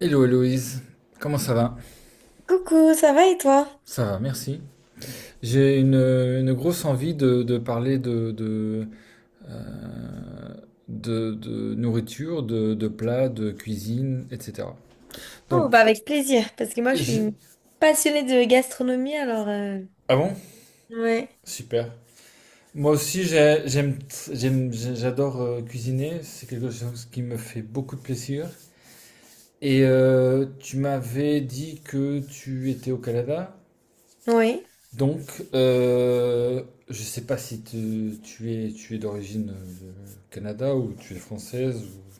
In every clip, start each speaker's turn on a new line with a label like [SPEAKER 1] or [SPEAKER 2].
[SPEAKER 1] Hello Héloïse, comment ça va?
[SPEAKER 2] Coucou, ça va et toi?
[SPEAKER 1] Ça va, merci. J'ai une grosse envie de parler euh, de nourriture, de plats, de cuisine, etc.
[SPEAKER 2] Oh, bah
[SPEAKER 1] Donc,
[SPEAKER 2] avec plaisir, parce que moi je suis
[SPEAKER 1] j'ai...
[SPEAKER 2] une passionnée de gastronomie, alors...
[SPEAKER 1] Ah bon?
[SPEAKER 2] Ouais,
[SPEAKER 1] Super. Moi aussi, j'adore cuisiner, c'est quelque chose qui me fait beaucoup de plaisir. Et tu m'avais dit que tu étais au Canada?
[SPEAKER 2] oui,
[SPEAKER 1] Donc, euh, je sais pas si tu es d'origine Canada ou tu es française, ou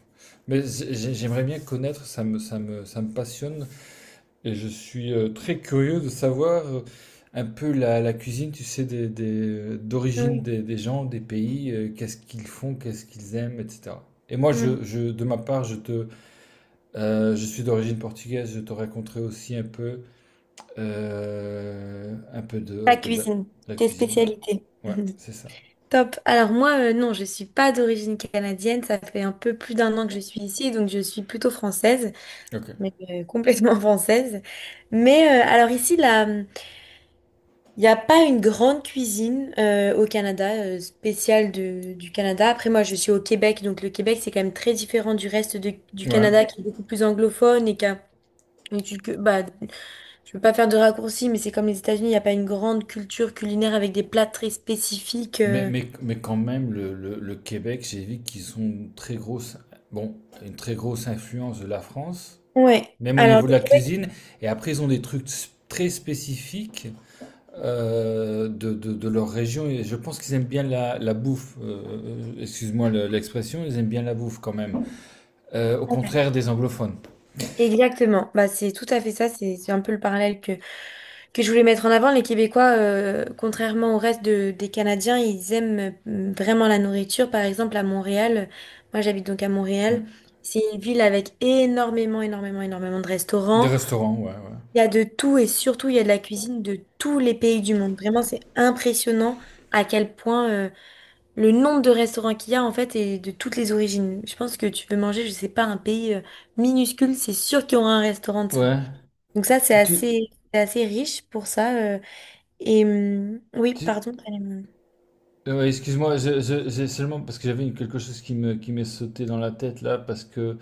[SPEAKER 1] Mais j'aimerais bien connaître, ça me passionne. Et je suis très curieux de savoir un peu la cuisine, tu sais, d'origine
[SPEAKER 2] oui,
[SPEAKER 1] des gens, des pays, qu'est-ce qu'ils font, qu'est-ce qu'ils aiment, etc. Et moi,
[SPEAKER 2] oui.
[SPEAKER 1] de ma part, je suis d'origine portugaise, je te raconterai aussi un peu
[SPEAKER 2] La
[SPEAKER 1] un peu de la,
[SPEAKER 2] cuisine,
[SPEAKER 1] la
[SPEAKER 2] tes
[SPEAKER 1] cuisine,
[SPEAKER 2] spécialités.
[SPEAKER 1] ouais. Ouais, c'est ça.
[SPEAKER 2] Top. Alors moi, non, je suis pas d'origine canadienne, ça fait un peu plus d'un an que je suis ici, donc je suis plutôt française,
[SPEAKER 1] Ok.
[SPEAKER 2] mais complètement française. Mais alors ici, là. Il n'y a pas une grande cuisine au Canada, spéciale du Canada. Après, moi, je suis au Québec, donc le Québec, c'est quand même très différent du reste du
[SPEAKER 1] Ouais.
[SPEAKER 2] Canada, qui est beaucoup plus anglophone et qui a une culture... Bah, je veux pas faire de raccourci, mais c'est comme les États-Unis, il n'y a pas une grande culture culinaire avec des plats très spécifiques.
[SPEAKER 1] Mais quand même, le Québec, j'ai vu qu'ils ont une très grosse, bon, une très grosse influence de la France,
[SPEAKER 2] Ouais.
[SPEAKER 1] même au
[SPEAKER 2] Alors,
[SPEAKER 1] niveau de la
[SPEAKER 2] le Québec,
[SPEAKER 1] cuisine. Et après, ils ont des trucs très spécifiques de, de leur région. Et je pense qu'ils aiment bien la bouffe. Excuse-moi l'expression, ils aiment bien la bouffe quand même. Au
[SPEAKER 2] ouais.
[SPEAKER 1] contraire des anglophones.
[SPEAKER 2] Exactement. Bah, c'est tout à fait ça. C'est un peu le parallèle que je voulais mettre en avant, les Québécois, contrairement au reste des Canadiens, ils aiment vraiment la nourriture. Par exemple, à Montréal, moi j'habite donc à Montréal,
[SPEAKER 1] Hmm.
[SPEAKER 2] c'est une ville avec énormément, énormément, énormément de
[SPEAKER 1] Des
[SPEAKER 2] restaurants.
[SPEAKER 1] restaurants, ouais,
[SPEAKER 2] Il y a de tout et surtout il y a de la cuisine de tous les pays du monde. Vraiment, c'est impressionnant à quel point le nombre de restaurants qu'il y a en fait est de toutes les origines. Je pense que tu veux manger, je sais pas, un pays minuscule, c'est sûr qu'il y aura un restaurant de
[SPEAKER 1] ouais.
[SPEAKER 2] ça.
[SPEAKER 1] Ouais.
[SPEAKER 2] Donc ça,
[SPEAKER 1] Tu,
[SPEAKER 2] c'est assez riche pour ça. Oui,
[SPEAKER 1] Tu-
[SPEAKER 2] pardon. Allez,
[SPEAKER 1] Excuse-moi, j'ai seulement parce que j'avais quelque chose qui me, qui m'est sauté dans la tête là, parce que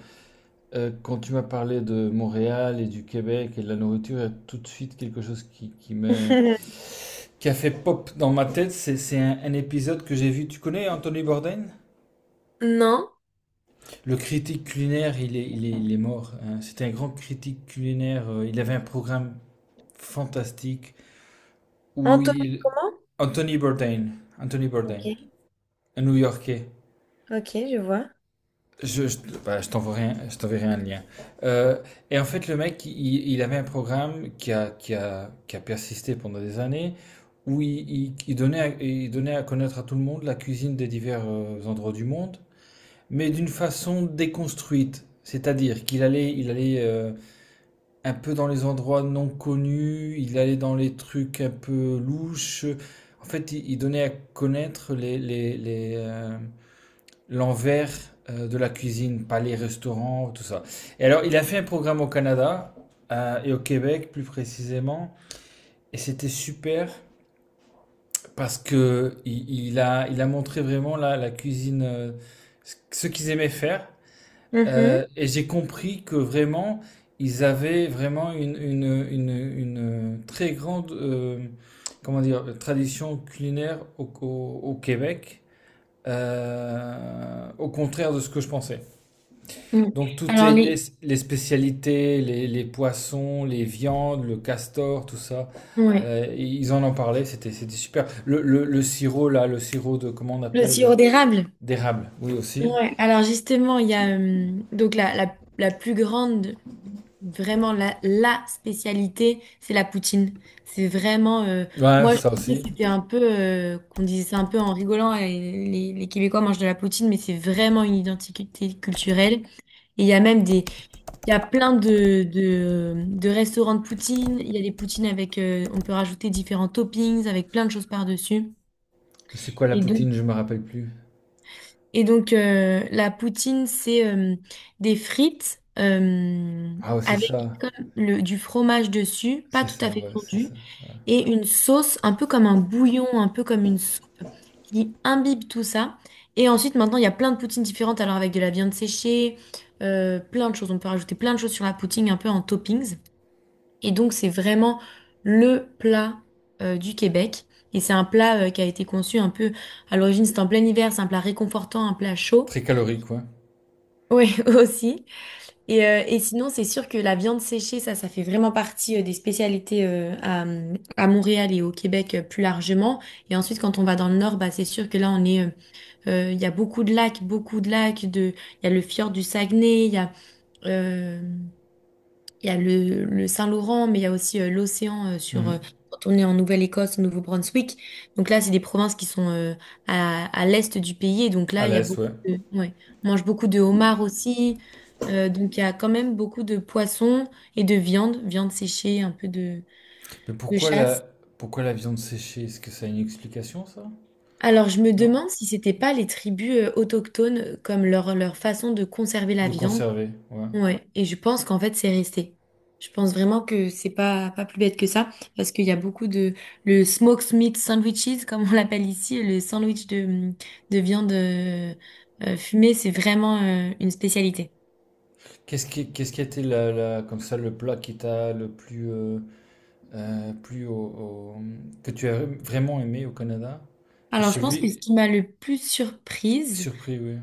[SPEAKER 1] quand tu m'as parlé de Montréal et du Québec et de la nourriture, il y a tout de suite quelque chose qui qui a fait pop dans ma tête. C'est un épisode que j'ai vu. Tu connais Anthony Bourdain?
[SPEAKER 2] Non.
[SPEAKER 1] Le critique culinaire, il est mort, hein. C'était un grand critique culinaire. Il avait un programme fantastique où
[SPEAKER 2] Anthony,
[SPEAKER 1] il...
[SPEAKER 2] comment?
[SPEAKER 1] Anthony Bourdain, Anthony Bourdain,
[SPEAKER 2] Ok.
[SPEAKER 1] un New-Yorkais.
[SPEAKER 2] Ok, je vois.
[SPEAKER 1] Je, je, bah, je t'enverrai un lien. Euh, et en fait, le mec, il avait un programme qui a persisté pendant des années, où il donnait il donnait à connaître à tout le monde la cuisine des divers endroits du monde, mais d'une façon déconstruite. C'est-à-dire il allait un peu dans les endroits non connus, il allait dans les trucs un peu louches. En fait, il donnait à connaître l'envers de la cuisine, pas les restaurants, tout ça. Et alors, il a fait un programme au Canada et au Québec, plus précisément, et c'était super parce que il a montré vraiment la cuisine, ce qu'ils aimaient faire.
[SPEAKER 2] Mhm.
[SPEAKER 1] Et j'ai compris que vraiment, ils avaient vraiment une très grande comment dire, tradition culinaire au Québec, au contraire de ce que je pensais.
[SPEAKER 2] Mm.
[SPEAKER 1] Donc
[SPEAKER 2] Alors, les...
[SPEAKER 1] spécialités, les poissons, les viandes, le castor, tout ça,
[SPEAKER 2] Ouais.
[SPEAKER 1] ils en en parlaient, c'était super. Le sirop là, le sirop de comment on
[SPEAKER 2] Le
[SPEAKER 1] appelle,
[SPEAKER 2] sirop d'érable.
[SPEAKER 1] d'érable, oui aussi.
[SPEAKER 2] Ouais, alors justement, il y a donc la plus grande, vraiment la spécialité, c'est la poutine. C'est vraiment,
[SPEAKER 1] Ouais,
[SPEAKER 2] moi je
[SPEAKER 1] ça
[SPEAKER 2] pensais que
[SPEAKER 1] aussi.
[SPEAKER 2] c'était un peu, qu'on disait ça un peu en rigolant, et les Québécois mangent de la poutine, mais c'est vraiment une identité culturelle. Et il y a même des, il y a plein de restaurants de poutine, il y a des poutines avec, on peut rajouter différents toppings, avec plein de choses par-dessus.
[SPEAKER 1] C'est quoi la
[SPEAKER 2] Et donc,
[SPEAKER 1] poutine, je me rappelle plus.
[SPEAKER 2] la poutine, c'est des frites
[SPEAKER 1] Ah ouais,
[SPEAKER 2] avec comme du fromage dessus, pas
[SPEAKER 1] c'est
[SPEAKER 2] tout à
[SPEAKER 1] ça,
[SPEAKER 2] fait
[SPEAKER 1] ouais, c'est
[SPEAKER 2] fondu,
[SPEAKER 1] ça.
[SPEAKER 2] et une sauce un peu comme un bouillon, un peu comme une soupe qui imbibe tout ça. Et ensuite, maintenant, il y a plein de poutines différentes, alors avec de la viande séchée, plein de choses. On peut rajouter plein de choses sur la poutine, un peu en toppings. Et donc, c'est vraiment le plat du Québec. Et c'est un plat qui a été conçu un peu... À l'origine, c'était en plein hiver, c'est un plat réconfortant, un plat chaud.
[SPEAKER 1] Très calorique, ouais.
[SPEAKER 2] Oui, aussi. Et sinon, c'est sûr que la viande séchée, ça fait vraiment partie des spécialités à Montréal et au Québec plus largement. Et ensuite, quand on va dans le nord, bah, c'est sûr que là, on est, il y a beaucoup de lacs, beaucoup de lacs. De, il y a le fjord du Saguenay, euh, il y a le Saint-Laurent, mais il y a aussi l'océan sur
[SPEAKER 1] Mhm.
[SPEAKER 2] quand on est en Nouvelle-Écosse, au Nouveau-Brunswick. Donc là, c'est des provinces qui sont à l'est du pays. Et donc
[SPEAKER 1] À
[SPEAKER 2] là, il y a
[SPEAKER 1] l'aise,
[SPEAKER 2] beaucoup
[SPEAKER 1] ouais.
[SPEAKER 2] de, ouais, on mange beaucoup de homards aussi. Donc il y a quand même beaucoup de poissons et de viande, viande séchée, un peu
[SPEAKER 1] Mais
[SPEAKER 2] de
[SPEAKER 1] pourquoi
[SPEAKER 2] chasse.
[SPEAKER 1] la Pourquoi la viande séchée? Est-ce que ça a une explication ça?
[SPEAKER 2] Alors je me
[SPEAKER 1] Non?
[SPEAKER 2] demande si c'était pas les tribus autochtones, comme leur façon de conserver la
[SPEAKER 1] De
[SPEAKER 2] viande.
[SPEAKER 1] conserver, ouais.
[SPEAKER 2] Ouais, et je pense qu'en fait, c'est resté. Je pense vraiment que c'est pas, pas plus bête que ça, parce qu'il y a beaucoup de... Le smoked meat sandwiches, comme on l'appelle ici, le sandwich de viande fumée, c'est vraiment une spécialité.
[SPEAKER 1] Qu'est-ce qui a été comme ça le plat qui t'a le plus, plus que tu as vraiment aimé au Canada? Et
[SPEAKER 2] Alors, je pense que ce
[SPEAKER 1] celui
[SPEAKER 2] qui m'a le plus surprise,
[SPEAKER 1] Surpris, oui.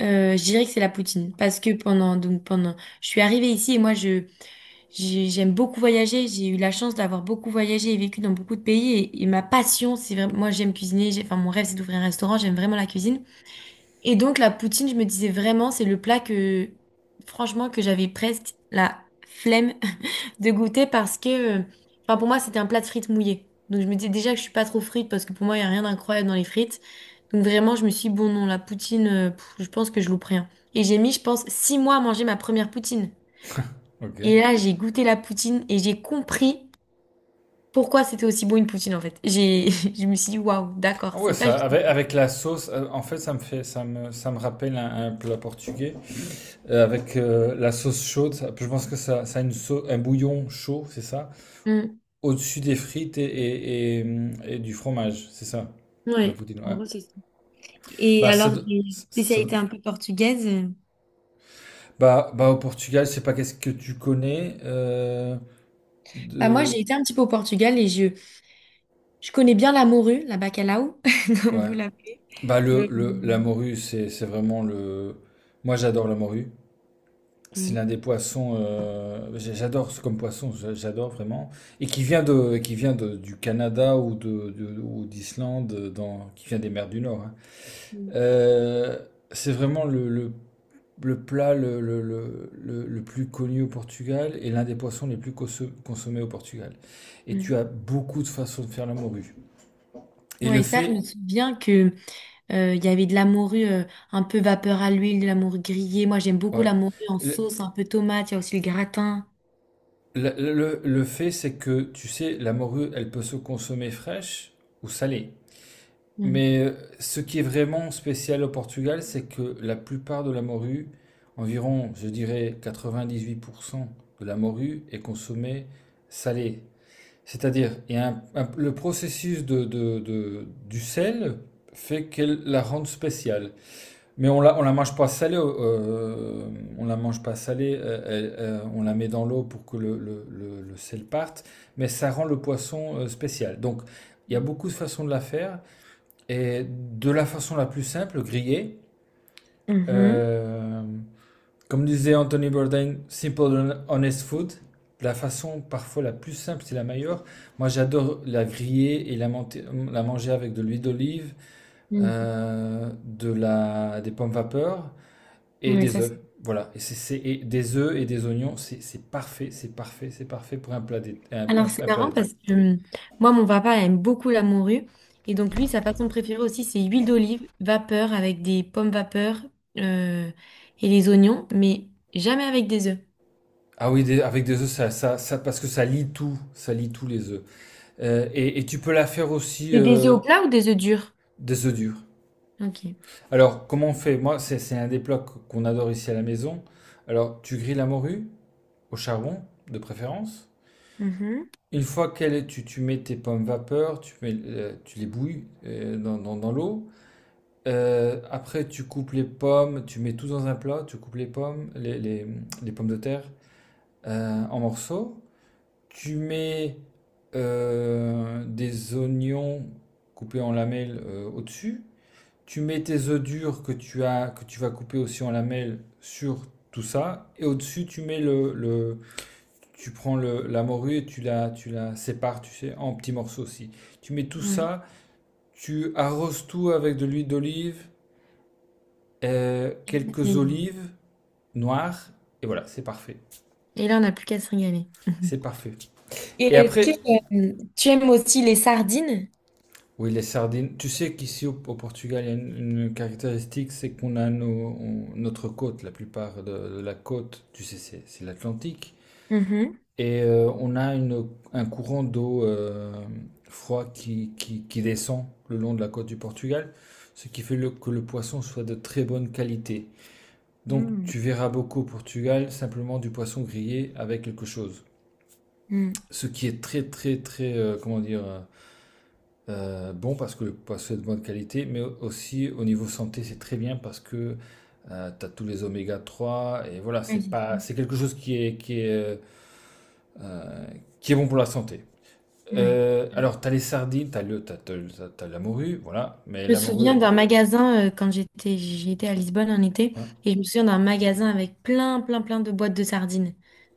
[SPEAKER 2] je dirais que c'est la poutine, parce que pendant... Donc, pendant... Je suis arrivée ici et moi, je... J'aime beaucoup voyager, j'ai eu la chance d'avoir beaucoup voyagé et vécu dans beaucoup de pays et ma passion, c'est vraiment, moi j'aime cuisiner, j'ai, enfin mon rêve c'est d'ouvrir un restaurant, j'aime vraiment la cuisine. Et donc la poutine, je me disais vraiment, c'est le plat que, franchement, que j'avais presque la flemme de goûter parce que, enfin pour moi, c'était un plat de frites mouillées. Donc je me disais déjà que je suis pas trop frite parce que pour moi, il y a rien d'incroyable dans les frites. Donc vraiment, je me suis dit, bon non, la poutine, pff, je pense que je loupe rien. Et j'ai mis, je pense, six mois à manger ma première poutine.
[SPEAKER 1] Ok.
[SPEAKER 2] Et là, j'ai goûté la poutine et j'ai compris pourquoi c'était aussi bon une poutine en fait. J'ai, je me suis dit, waouh, d'accord,
[SPEAKER 1] Ah ouais,
[SPEAKER 2] c'est pas
[SPEAKER 1] ça,
[SPEAKER 2] juste.
[SPEAKER 1] avec la sauce, en fait, ça me rappelle un plat portugais. Avec la sauce chaude. Je pense que ça a une un bouillon chaud, c'est ça?
[SPEAKER 2] Mm.
[SPEAKER 1] Au-dessus des frites et du fromage, c'est ça? Le
[SPEAKER 2] Ouais.
[SPEAKER 1] poutine,
[SPEAKER 2] En
[SPEAKER 1] ouais.
[SPEAKER 2] gros, c'est Et
[SPEAKER 1] Bah, ça,
[SPEAKER 2] alors,
[SPEAKER 1] do-
[SPEAKER 2] des
[SPEAKER 1] ça,
[SPEAKER 2] spécialités un peu portugaises?
[SPEAKER 1] Bah, bah au Portugal, je sais pas qu'est-ce que tu connais
[SPEAKER 2] Bah, moi,
[SPEAKER 1] de,
[SPEAKER 2] j'ai été un petit peu au Portugal et je connais bien la morue, la bacalao, comme
[SPEAKER 1] ouais.
[SPEAKER 2] vous l'appelez.
[SPEAKER 1] Bah
[SPEAKER 2] Euh,
[SPEAKER 1] le la morue, c'est vraiment le, moi j'adore la morue. C'est l'un
[SPEAKER 2] Mhm.
[SPEAKER 1] des poissons j'adore ce comme poisson, j'adore vraiment, et qui vient de qui vient du Canada ou ou d'Islande dans qui vient des mers du Nord, hein.
[SPEAKER 2] Mhm.
[SPEAKER 1] Euh, c'est vraiment le plat le plus connu au Portugal et l'un des poissons les plus consommés au Portugal. Et tu
[SPEAKER 2] Mhm.
[SPEAKER 1] as beaucoup de façons de faire la morue. Et le
[SPEAKER 2] Ouais, ça, je
[SPEAKER 1] fait,
[SPEAKER 2] me souviens que il y avait de la morue un peu vapeur à l'huile, de la morue grillée. Moi, j'aime beaucoup
[SPEAKER 1] ouais.
[SPEAKER 2] la morue en
[SPEAKER 1] Le,
[SPEAKER 2] sauce, un peu tomate. Il y a aussi le gratin.
[SPEAKER 1] le fait, c'est que, tu sais, la morue, elle peut se consommer fraîche ou salée.
[SPEAKER 2] Mhm.
[SPEAKER 1] Mais ce qui est vraiment spécial au Portugal, c'est que la plupart de la morue, environ, je dirais, 98% de la morue est consommée salée. C'est-à-dire, il y a le processus de du sel fait qu'elle la rende spéciale. Mais on la mange pas salée, on la mange pas salée, elle- on la met dans l'eau pour que le sel parte, mais ça rend le poisson spécial. Donc, il y a beaucoup de façons de la faire, et de la façon la plus simple, grillée,
[SPEAKER 2] Mhm.
[SPEAKER 1] euh, comme disait Anthony Bourdain, simple and honest food. La façon parfois la plus simple, c'est la meilleure. Moi, j'adore la griller et la manger avec de l'huile d'olive,
[SPEAKER 2] Mhm.
[SPEAKER 1] des pommes vapeur et
[SPEAKER 2] Ouais,
[SPEAKER 1] des
[SPEAKER 2] ça,
[SPEAKER 1] œufs. Voilà. Et des œufs et des oignons, c'est parfait, c'est parfait, c'est parfait pour un plat d'été. un-
[SPEAKER 2] Alors,
[SPEAKER 1] un-
[SPEAKER 2] c'est
[SPEAKER 1] un- plat
[SPEAKER 2] marrant
[SPEAKER 1] d'été.
[SPEAKER 2] parce que moi, mon papa aime beaucoup la morue. Et donc, lui, sa façon préférée aussi, c'est huile d'olive, vapeur avec des pommes vapeur euh, et les oignons, mais jamais avec des œufs.
[SPEAKER 1] Ah oui, avec des œufs, parce que ça lie tout, ça lie tous les œufs. Et tu peux la faire aussi,
[SPEAKER 2] Mais des œufs au plat ou des œufs durs?
[SPEAKER 1] des œufs durs.
[SPEAKER 2] Ok.
[SPEAKER 1] Alors, comment on fait? Moi, c'est un des plats qu'on adore ici à la maison. Alors, tu grilles la morue au charbon, de préférence.
[SPEAKER 2] Mhm.
[SPEAKER 1] Une fois qu'elle est, tu mets tes pommes vapeur, mets, tu les bouilles dans, dans l'eau. Après, tu coupes les pommes, tu mets tout dans un plat, tu coupes les pommes, les pommes de terre en morceaux. Tu mets des oignons coupés en lamelles au-dessus. Tu mets tes œufs durs que tu vas couper aussi en lamelles sur tout ça. Et au-dessus, tu mets tu prends le, la morue et tu la sépares, tu sais, en petits morceaux aussi. Tu mets tout
[SPEAKER 2] Ouais.
[SPEAKER 1] ça, tu arroses tout avec de l'huile d'olive, quelques
[SPEAKER 2] Et
[SPEAKER 1] olives noires, et voilà, c'est parfait.
[SPEAKER 2] et là, on n'a plus qu'à se régaler.
[SPEAKER 1] C'est parfait.
[SPEAKER 2] Et
[SPEAKER 1] Et
[SPEAKER 2] est-ce que
[SPEAKER 1] après,
[SPEAKER 2] tu aimes aussi les sardines?
[SPEAKER 1] oui, les sardines. Tu sais qu'ici au Portugal, il y a une caractéristique, c'est qu'on a notre côte, la plupart de la côte, tu sais, c'est l'Atlantique.
[SPEAKER 2] Mhm.
[SPEAKER 1] Et on a un courant d'eau froid qui descend le long de la côte du Portugal, ce qui fait que le poisson soit de très bonne qualité. Donc
[SPEAKER 2] Mm.
[SPEAKER 1] tu verras beaucoup au Portugal simplement du poisson grillé avec quelque chose.
[SPEAKER 2] Mm.
[SPEAKER 1] Ce qui est très très très, comment dire, bon parce que le poisson est de bonne qualité, mais aussi au niveau santé c'est très bien parce que tu as tous les oméga 3 et voilà,
[SPEAKER 2] Ouais,
[SPEAKER 1] c'est
[SPEAKER 2] c'est
[SPEAKER 1] pas,
[SPEAKER 2] sûr.
[SPEAKER 1] c'est quelque chose euh, qui est bon pour la santé.
[SPEAKER 2] Ouais.
[SPEAKER 1] Alors, t'as les sardines, t'as le, t'as, t'as- t'as- t'as la morue, voilà. Mais
[SPEAKER 2] Je me
[SPEAKER 1] la
[SPEAKER 2] souviens
[SPEAKER 1] morue,
[SPEAKER 2] d'un magasin quand j'étais à Lisbonne en été
[SPEAKER 1] hein.
[SPEAKER 2] et je me souviens d'un magasin avec plein plein plein de boîtes de sardines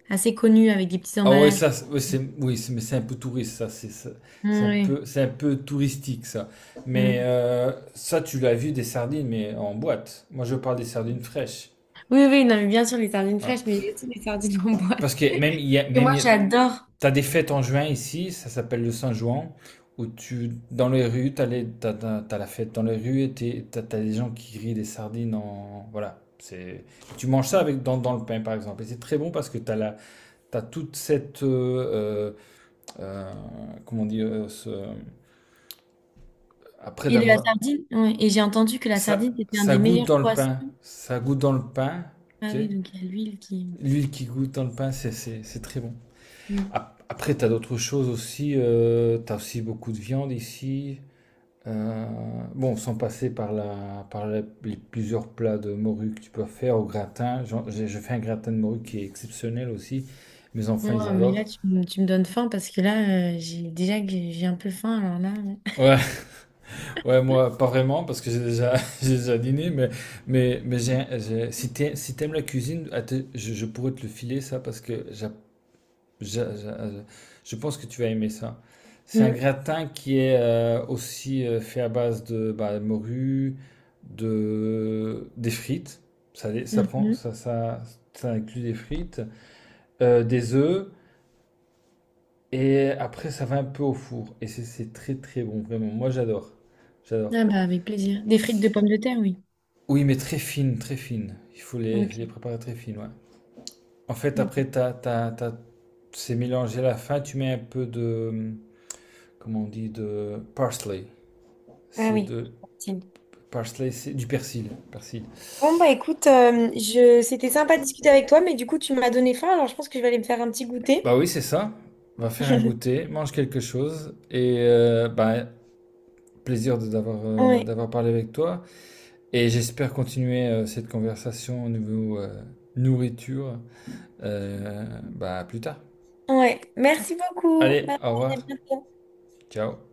[SPEAKER 2] assez connues avec des petits
[SPEAKER 1] Ah ouais,
[SPEAKER 2] emballages.
[SPEAKER 1] ça, ouais, oui, mais c'est un peu touriste, ça. C'est
[SPEAKER 2] Mm,
[SPEAKER 1] un peu,
[SPEAKER 2] oui.
[SPEAKER 1] c'est un peu touristique, ça. Mais
[SPEAKER 2] Mm.
[SPEAKER 1] ça, tu l'as vu des sardines, mais en boîte. Moi, je parle des sardines fraîches,
[SPEAKER 2] Oui, oui, non, mais bien sûr les sardines
[SPEAKER 1] hein.
[SPEAKER 2] fraîches, mais il y a aussi les sardines en boîte.
[SPEAKER 1] Parce que même, il y a,
[SPEAKER 2] Et
[SPEAKER 1] même
[SPEAKER 2] moi
[SPEAKER 1] il y a-
[SPEAKER 2] j'adore.
[SPEAKER 1] T'as des fêtes en juin ici, ça s'appelle le Saint-Jouan, où tu, dans les rues, t'as la fête dans les rues et t'as des gens qui grillent des sardines en, voilà. C'est, tu manges ça
[SPEAKER 2] Mm.
[SPEAKER 1] avec, dans le pain, par exemple. Et c'est très bon parce que t'as toute cette, euh, comment dire, après
[SPEAKER 2] Et la
[SPEAKER 1] d'avoir,
[SPEAKER 2] sardine, ouais. Et j'ai entendu que la sardine
[SPEAKER 1] ça,
[SPEAKER 2] c'était un
[SPEAKER 1] ça
[SPEAKER 2] des
[SPEAKER 1] goûte
[SPEAKER 2] meilleurs
[SPEAKER 1] dans le
[SPEAKER 2] poissons.
[SPEAKER 1] pain, ça goûte dans le pain,
[SPEAKER 2] Ah
[SPEAKER 1] tu
[SPEAKER 2] oui,
[SPEAKER 1] sais.
[SPEAKER 2] donc il y a l'huile qui.
[SPEAKER 1] L'huile qui goûte dans le pain, c'est très bon.
[SPEAKER 2] Mm.
[SPEAKER 1] Après, t'as d'autres choses aussi. Euh, t'as aussi beaucoup de viande ici. Euh, bon, sans passer par les plusieurs plats de morue que tu peux faire au gratin. Je fais un gratin de morue qui est exceptionnel aussi. Mes
[SPEAKER 2] Ouais,
[SPEAKER 1] enfants, ils
[SPEAKER 2] mais là
[SPEAKER 1] adorent.
[SPEAKER 2] me tu me donnes faim parce que là j'ai déjà que j'ai un peu faim alors là.
[SPEAKER 1] Ouais, ouais, moi, pas vraiment, parce que j'ai déjà, j'ai déjà dîné, mais, mais j'ai, si t'aimes, si t'aimes la cuisine, att- je pourrais te le filer, ça, parce que Je, je- je pense que tu vas aimer ça. C'est un
[SPEAKER 2] euh.
[SPEAKER 1] gratin qui est aussi fait à base de bah, morue, des frites. Ça, les- ça,
[SPEAKER 2] Mm.
[SPEAKER 1] prend,
[SPEAKER 2] Mm.
[SPEAKER 1] Ça inclut des frites, des œufs, et après ça va un peu au four. Et c'est très très bon, vraiment. Moi j'adore. J'adore.
[SPEAKER 2] Ah bah, avec plaisir. Des frites de pommes de terre, oui.
[SPEAKER 1] Oui, mais très fine, très fine. Il faut
[SPEAKER 2] Ok.
[SPEAKER 1] les préparer très fines, ouais. En fait,
[SPEAKER 2] Ok.
[SPEAKER 1] après, c'est mélangé à la fin. Tu mets un peu de, comment on dit, de parsley.
[SPEAKER 2] Ah
[SPEAKER 1] C'est
[SPEAKER 2] oui.
[SPEAKER 1] de
[SPEAKER 2] Facile.
[SPEAKER 1] parsley, c'est du persil. Persil.
[SPEAKER 2] Bon, bah écoute, je... c'était sympa de discuter avec toi, mais du coup, tu m'as donné faim, alors je pense que je vais aller me faire un petit
[SPEAKER 1] Bah
[SPEAKER 2] goûter.
[SPEAKER 1] oui, c'est ça. On va faire un goûter, mange quelque chose et bah, plaisir d'avoir
[SPEAKER 2] Ouais,
[SPEAKER 1] d'avoir parlé avec toi. Et j'espère continuer cette conversation au niveau nourriture bah, plus tard.
[SPEAKER 2] ouais. Merci beaucoup.
[SPEAKER 1] Allez,
[SPEAKER 2] Bye
[SPEAKER 1] au
[SPEAKER 2] bye, à
[SPEAKER 1] revoir.
[SPEAKER 2] bientôt.
[SPEAKER 1] Ciao.